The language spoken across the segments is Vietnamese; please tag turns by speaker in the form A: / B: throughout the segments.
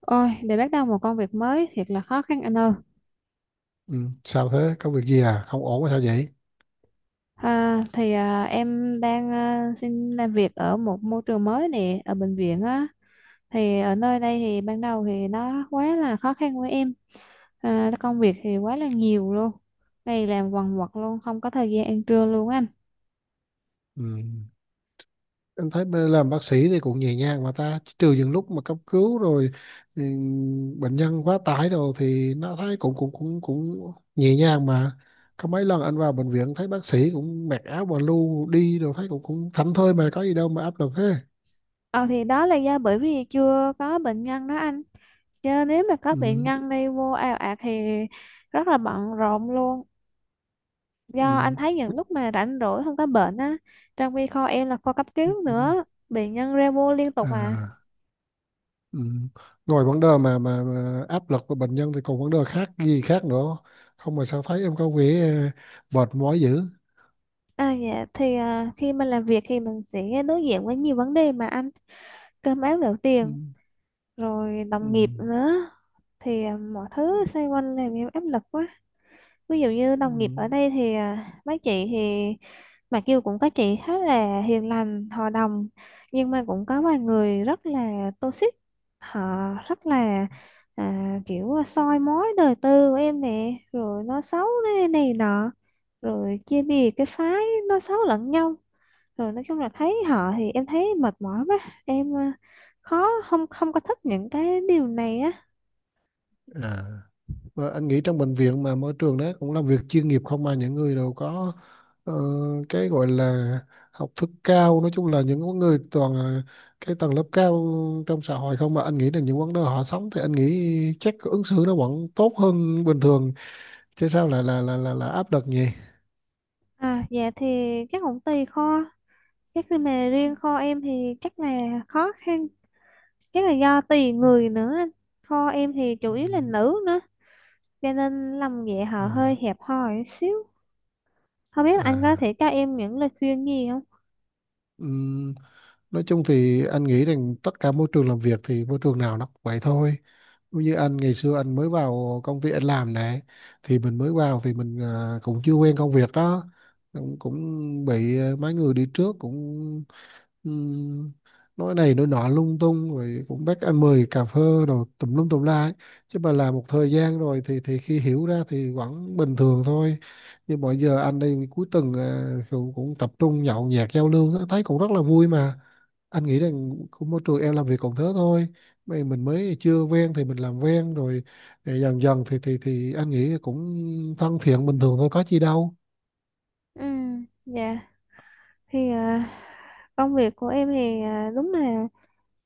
A: Ôi, để bắt đầu một công việc mới thiệt là khó khăn anh ơi.
B: Ừ, sao thế? Có việc gì à? Không ổn sao vậy?
A: Em đang xin làm việc ở một môi trường mới nè, ở bệnh viện á. Ở nơi đây thì ban đầu thì nó quá là khó khăn với em. À, công việc thì quá là nhiều luôn. Ngày làm quần quật luôn, không có thời gian ăn trưa luôn anh.
B: Ừ. Anh thấy làm bác sĩ thì cũng nhẹ nhàng mà ta, trừ những lúc mà cấp cứu rồi, ừ, bệnh nhân quá tải rồi thì nó thấy cũng cũng cũng cũng nhẹ nhàng mà. Có mấy lần anh vào bệnh viện thấy bác sĩ cũng mặc áo và lu đi rồi thấy cũng cũng thảnh thơi mà, có gì đâu mà áp lực thế.
A: Ờ thì đó là do bởi vì chưa có bệnh nhân đó anh. Chứ nếu mà có bệnh
B: Ừ.
A: nhân đi vô ào ạt thì rất là bận rộn luôn. Do anh
B: Ừ.
A: thấy những lúc mà rảnh rỗi không có bệnh á, trong khi kho em là kho cấp
B: Ừ.
A: cứu
B: Ừ.
A: nữa, bệnh nhân ra vô liên tục. À
B: À. Ừ. Ngoài vấn đề mà áp lực của bệnh nhân thì còn vấn đề khác gì khác nữa không, mà sao thấy em có vẻ mệt mỏi dữ.
A: Khi mình làm việc thì mình sẽ đối diện với nhiều vấn đề mà anh, cơm áo gạo
B: Ừ.
A: tiền, rồi
B: Ừ.
A: đồng nghiệp nữa, mọi thứ xoay quanh làm em áp lực quá. Ví dụ như
B: Ừ.
A: đồng nghiệp ở đây thì mấy chị thì mặc dù cũng có chị khá là hiền lành, hòa đồng, nhưng mà cũng có vài người rất là toxic. Họ rất là, kiểu soi mói đời tư của em nè, rồi nói xấu này nọ, rồi chia bè phái nói xấu lẫn nhau. Rồi nói chung là thấy họ thì em thấy mệt mỏi quá. Em khó, không không có thích những cái điều này á.
B: À. Và anh nghĩ trong bệnh viện mà môi trường đó cũng làm việc chuyên nghiệp không mà, những người đều có ờ, cái gọi là học thức cao, nói chung là những người toàn là cái tầng lớp cao trong xã hội không, mà anh nghĩ là những vấn đề họ sống thì anh nghĩ chắc ứng xử nó vẫn tốt hơn bình thường, chứ sao lại là áp lực nhỉ?
A: À dạ thì chắc cũng tùy kho chắc là mà riêng kho em thì chắc là khó khăn chắc là do tùy người nữa kho em thì chủ
B: Ừ.
A: yếu là nữ nữa cho nên lòng dạ họ hơi
B: À,
A: hẹp hòi xíu không biết anh có
B: à,
A: thể cho em những lời khuyên gì không?
B: ừm, nói chung thì anh nghĩ rằng tất cả môi trường làm việc thì môi trường nào nó cũng vậy thôi. Như anh ngày xưa anh mới vào công ty anh làm nè, thì mình mới vào thì mình cũng chưa quen công việc đó, cũng bị mấy người đi trước cũng Ừm, nói này nói nọ lung tung, rồi cũng bắt anh mời cà phê rồi tùm lum tùm la ấy. Chứ mà làm một thời gian rồi thì khi hiểu ra thì vẫn bình thường thôi, nhưng mọi giờ anh đây cuối tuần cũng tập trung nhậu nhẹt giao lưu thấy cũng rất là vui mà. Anh nghĩ rằng cũng môi trường em làm việc còn thế thôi. Mình mới chưa quen thì mình làm quen rồi, dần dần thì anh nghĩ cũng thân thiện bình thường thôi, có chi đâu.
A: ừ dạ thì công việc của em thì đúng là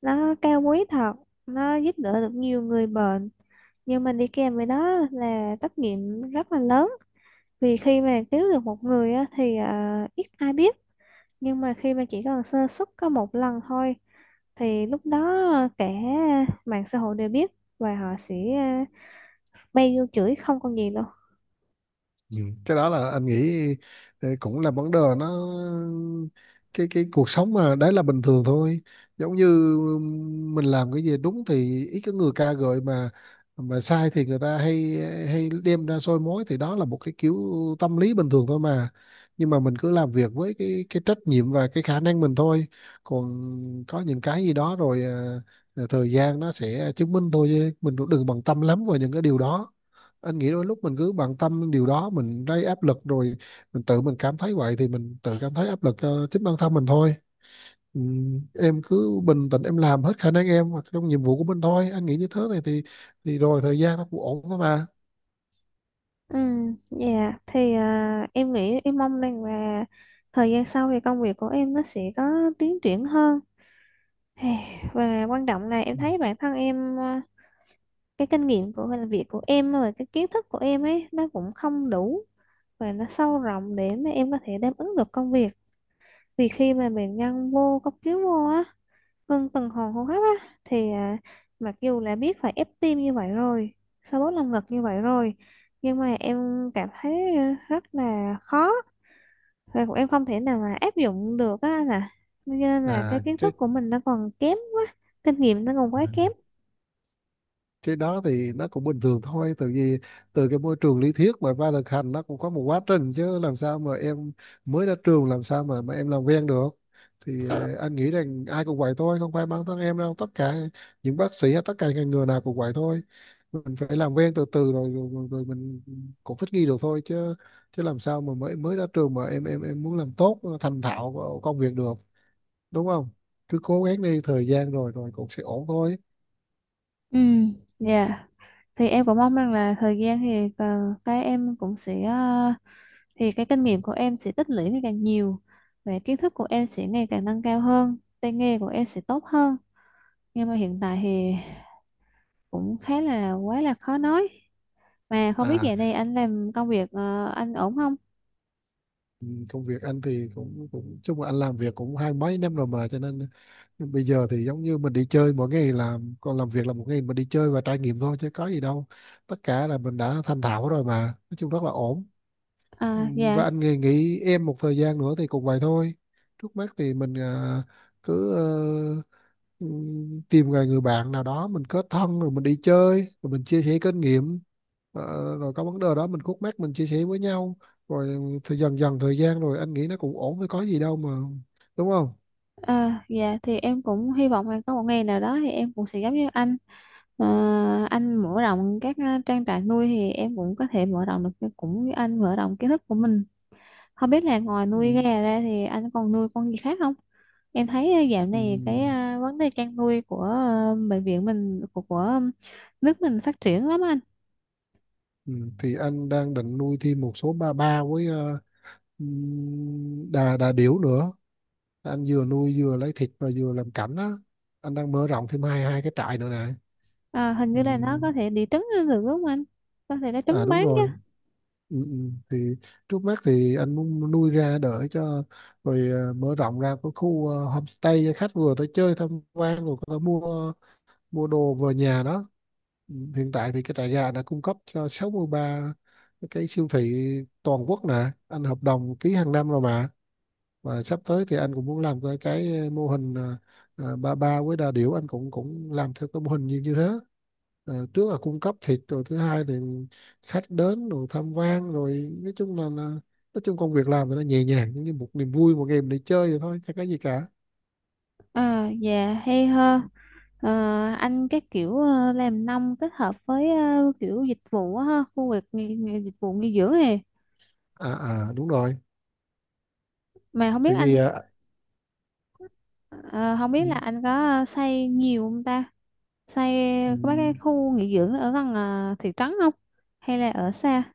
A: nó cao quý thật, nó giúp đỡ được nhiều người bệnh, nhưng mà đi kèm với đó là trách nhiệm rất là lớn. Vì khi mà cứu được một người á, thì ít ai biết, nhưng mà khi mà chỉ cần sơ suất có một lần thôi thì lúc đó cả mạng xã hội đều biết, và họ sẽ bay vô chửi không còn gì đâu.
B: Ừ. Cái đó là anh nghĩ cũng là vấn đề nó, cái cuộc sống mà, đấy là bình thường thôi, giống như mình làm cái gì đúng thì ít có người ca ngợi, mà sai thì người ta hay hay đem ra soi mói, thì đó là một cái kiểu tâm lý bình thường thôi mà. Nhưng mà mình cứ làm việc với cái trách nhiệm và cái khả năng mình thôi, còn có những cái gì đó rồi thời gian nó sẽ chứng minh thôi, chứ mình cũng đừng bận tâm lắm vào những cái điều đó. Anh nghĩ đôi lúc mình cứ bận tâm điều đó mình gây áp lực rồi, mình tự mình cảm thấy vậy thì mình tự cảm thấy áp lực cho chính bản thân mình thôi. ừ, em cứ bình tĩnh, em làm hết khả năng em hoặc trong nhiệm vụ của mình thôi, anh nghĩ như thế này thì rồi thời gian nó cũng ổn thôi mà.
A: ừ dạ thì em nghĩ, em mong rằng là thời gian sau thì công việc của em nó sẽ có tiến triển hơn. Hey, và quan trọng là em
B: Ừ.
A: thấy bản thân em, cái kinh nghiệm của làm việc của em và cái kiến thức của em ấy nó cũng không đủ và nó sâu rộng để mà em có thể đáp ứng được công việc. Vì khi mà mình nhân vô cấp cứu vô á, ngưng tuần hoàn hô hấp á, mặc dù là biết phải ép tim như vậy rồi, xoa bóp lồng ngực như vậy rồi, nhưng mà em cảm thấy rất là khó, và cũng em không thể nào mà áp dụng được á anh. Cho nên là cái
B: À,
A: kiến
B: chứ
A: thức của mình nó còn kém quá, kinh nghiệm nó còn quá kém.
B: cái đó thì nó cũng bình thường thôi, từ vì từ cái môi trường lý thuyết mà qua thực hành nó cũng có một quá trình, chứ làm sao mà em mới ra trường làm sao mà em làm quen được. Thì anh nghĩ rằng ai cũng vậy thôi, không phải bản thân em đâu, tất cả những bác sĩ hay tất cả ngành nghề nào cũng vậy thôi. Mình phải làm quen từ từ rồi rồi, rồi, rồi mình cũng thích nghi được thôi, chứ chứ làm sao mà mới mới ra trường mà em muốn làm tốt thành thạo công việc được, đúng không. Cứ cố gắng đi, thời gian rồi rồi cũng sẽ ổn thôi.
A: Ừ, dạ. Thì em cũng mong rằng là thời gian, cái em cũng sẽ ờ, thì cái kinh nghiệm của em sẽ tích lũy ngày càng nhiều, và kiến thức của em sẽ ngày càng nâng cao hơn, tay nghề của em sẽ tốt hơn. Nhưng mà hiện tại thì cũng khá là quá là khó nói. Mà không biết
B: à
A: giờ này anh làm công việc, anh ổn không?
B: Ừ, công việc anh thì cũng cũng chung là anh làm việc cũng hai mấy năm rồi mà, cho nên bây giờ thì giống như mình đi chơi mỗi ngày làm, còn làm việc là một ngày mình đi chơi và trải nghiệm thôi, chứ có gì đâu, tất cả là mình đã thành thạo rồi mà, nói chung rất là ổn. Ừ,
A: à,
B: và
A: dạ
B: anh nghỉ em một thời gian nữa thì cũng vậy thôi. Trước mắt thì mình cứ tìm người người bạn nào đó mình kết thân, rồi mình đi chơi rồi mình chia sẻ kinh nghiệm. Ờ, Rồi có vấn đề đó mình khúc mắc mình chia sẻ với nhau, rồi thì dần dần thời gian rồi anh nghĩ nó cũng ổn thôi, có gì đâu mà, đúng không.
A: dạ thì em cũng hy vọng là có một ngày nào đó thì em cũng sẽ giống như anh. Ờ, anh mở rộng các trang trại nuôi thì em cũng có thể mở rộng được cái- cũng như anh mở rộng kiến thức của mình. Không biết là ngoài
B: Ừ.
A: nuôi gà ra thì anh còn nuôi con gì khác không? Em thấy dạo
B: Ừ.
A: này cái vấn đề chăn nuôi của ờ, bệnh viện mình của nước mình phát triển lắm anh.
B: Ừ. Thì anh đang định nuôi thêm một số ba ba với đà đà điểu nữa. Anh vừa nuôi vừa lấy thịt và vừa làm cảnh á, anh đang mở rộng thêm hai hai cái trại nữa nè.
A: Ờ, hình
B: Ừ.
A: như là nó có thể đẻ trứng lên được đúng không anh? Có thể đẻ
B: À,
A: trứng
B: đúng
A: bán
B: rồi.
A: chứ.
B: Thì trước mắt thì anh muốn nuôi ra đợi cho rồi, mở rộng ra cái khu homestay cho khách vừa tới chơi tham quan, rồi có thể mua mua đồ về nhà đó. Hiện tại thì cái trại gà đã cung cấp cho 63 cái siêu thị toàn quốc nè, anh hợp đồng ký hàng năm rồi mà. Và sắp tới thì anh cũng muốn làm cái mô hình ba ba với đà điểu, anh cũng cũng làm theo cái mô hình như như thế. À, trước là cung cấp thịt, rồi thứ hai thì khách đến rồi tham quan, rồi nói chung là nói chung công việc làm thì nó nhẹ nhàng giống như một niềm vui, một game để chơi vậy thôi chẳng có gì cả.
A: Ờ, dạ hay ho. Ờ, anh cái kiểu làm nông kết hợp với ờ, kiểu dịch vụ á ha, khu vực nghỉ, nghỉ, dịch vụ nghỉ dưỡng này.
B: À, đúng rồi.
A: Mà không biết
B: Tại
A: anh
B: vì
A: ờ, không biết là
B: ừ,
A: anh có xây nhiều không ta? Xây
B: ừ,
A: có mấy cái khu nghỉ dưỡng ở gần thị trấn không? Hay là ở xa?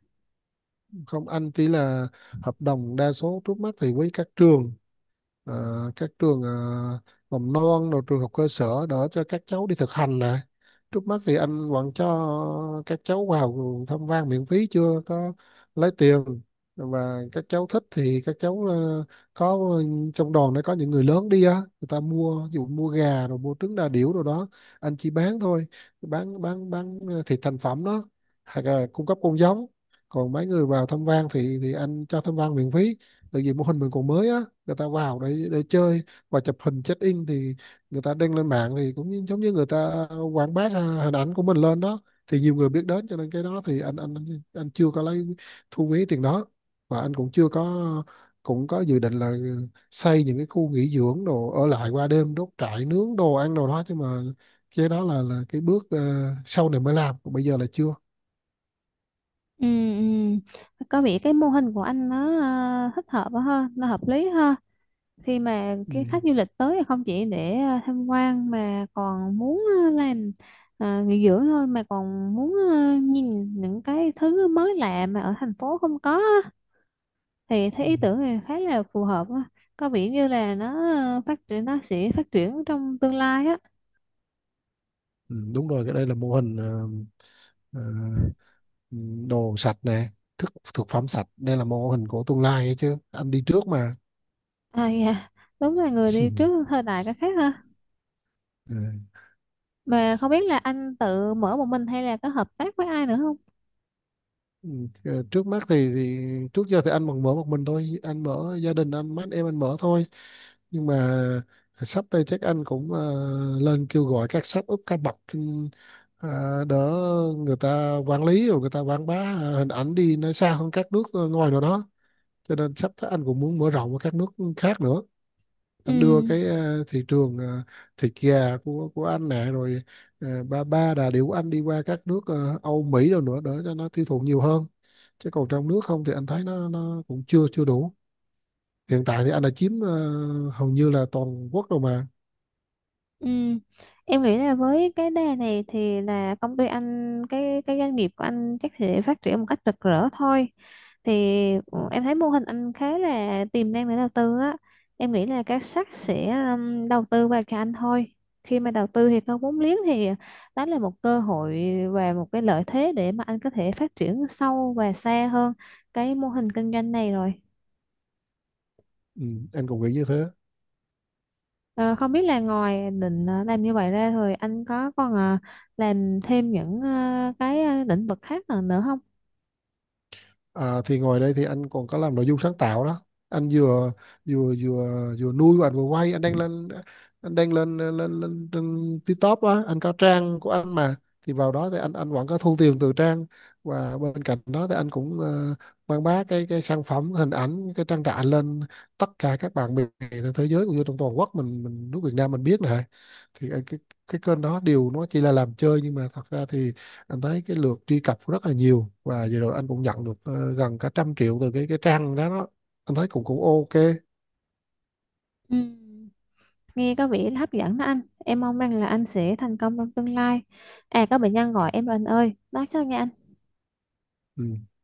B: không, anh chỉ là hợp đồng đa số trước mắt thì với à, các trường mầm non rồi trường học cơ sở, đỡ cho các cháu đi thực hành nè. Trước mắt thì anh vẫn cho các cháu vào tham quan miễn phí, chưa có lấy tiền. Và các cháu thích thì các cháu có trong đoàn, nó có những người lớn đi á, người ta mua, ví dụ mua gà rồi mua trứng đà điểu rồi đó, anh chỉ bán thôi. Bán thịt thành phẩm đó, hoặc là cung cấp con giống. Còn mấy người vào tham quan thì anh cho tham quan miễn phí, tại vì mô hình mình còn mới á, người ta vào để chơi và chụp hình check in, thì người ta đăng lên mạng thì giống như người ta quảng bá ra hình ảnh của mình lên đó, thì nhiều người biết đến, cho nên cái đó thì anh chưa có lấy thu phí tiền đó. Và anh cũng chưa có, cũng có dự định là xây những cái khu nghỉ dưỡng đồ, ở lại qua đêm đốt trại nướng đồ ăn đồ đó, chứ mà cái đó là cái bước sau này mới làm, còn bây giờ là chưa.
A: Ừ, ừ. Có vẻ cái mô hình của anh nó thích hợp quá ha, nó hợp lý ha. Khi mà
B: Ừ.
A: cái khách du lịch tới thì không chỉ để tham quan mà còn muốn nghỉ dưỡng thôi, mà còn muốn nhìn những cái thứ mới lạ mà ở thành phố không có á. Thì thấy
B: Ừ,
A: ý tưởng này khá là phù hợp á. Có vẻ như là nó sẽ phát triển trong tương lai á.
B: Ừ, đúng rồi, cái đây là mô hình ờ, đồ sạch nè, thức thực phẩm sạch, đây là mô hình của tương lai ấy chứ, anh đi trước mà.
A: Dạ, đúng là người đi trước thời đại cái khác ha.
B: Ờ,
A: Mà không biết là anh tự mở một mình hay là có hợp tác với ai nữa không?
B: ừ, trước mắt thì, trước giờ thì anh còn mở một mình thôi, anh mở gia đình anh, mấy anh em anh mở thôi. Nhưng mà sắp đây chắc anh cũng lên kêu gọi các sếp úp các bậc trên ờ, đỡ, người ta quản lý rồi người ta quảng bá hình ảnh đi nó xa hơn các nước ngoài nào đó. Cho nên sắp tới anh cũng muốn mở rộng ở các nước khác nữa, anh đưa
A: ừ
B: cái thị trường thịt gà của anh nè, rồi ba ba đà điểu anh đi qua các nước Âu Mỹ rồi nữa, để cho nó tiêu thụ nhiều hơn, chứ còn trong nước không thì anh thấy nó cũng chưa chưa đủ. Hiện tại thì anh đã chiếm hầu như là toàn quốc rồi mà.
A: Ừ. Em nghĩ là với cái đề này thì là công ty anh, cái doanh nghiệp của anh chắc sẽ phát triển một cách rực rỡ thôi. Thì
B: Ừ.
A: ừ, em thấy mô hình anh khá là tiềm năng để đầu tư á. Em nghĩ là các sắc sẽ đầu tư vào cho anh thôi. Khi mà đầu tư thì có vốn liếng thì đó là một cơ hội và một cái lợi thế để mà anh có thể phát triển sâu và xa hơn cái mô hình kinh doanh này rồi.
B: Ừ, anh cũng nghĩ như thế.
A: Ờ, không biết là ngoài định làm như vậy ra rồi anh có còn làm thêm những cái lĩnh vực khác nữa nữa không?
B: À, thì ngoài đây thì anh còn có làm nội dung sáng tạo đó. Anh vừa vừa vừa vừa nuôi và anh vừa quay, anh đang lên lên lên, trên TikTok á, anh có trang của anh mà, thì vào đó thì anh vẫn có thu tiền từ trang. Và bên cạnh đó thì anh cũng quảng bá cái sản phẩm hình ảnh cái trang trại lên, tất cả các bạn bè trên thế giới cũng như trong toàn quốc mình nước Việt Nam mình biết này. Thì cái kênh đó điều nó chỉ là làm chơi, nhưng mà thật ra thì anh thấy cái lượt truy cập cũng rất là nhiều, và vừa rồi anh cũng nhận được gần cả trăm triệu từ cái trang đó. Anh thấy cũng cũng ok.
A: Ừ. Nghe có vẻ hấp dẫn đó anh. Em mong rằng là anh sẽ thành công trong tương lai. À, có bệnh nhân gọi em rồi anh ơi. Nói sao nha anh?
B: Ừ.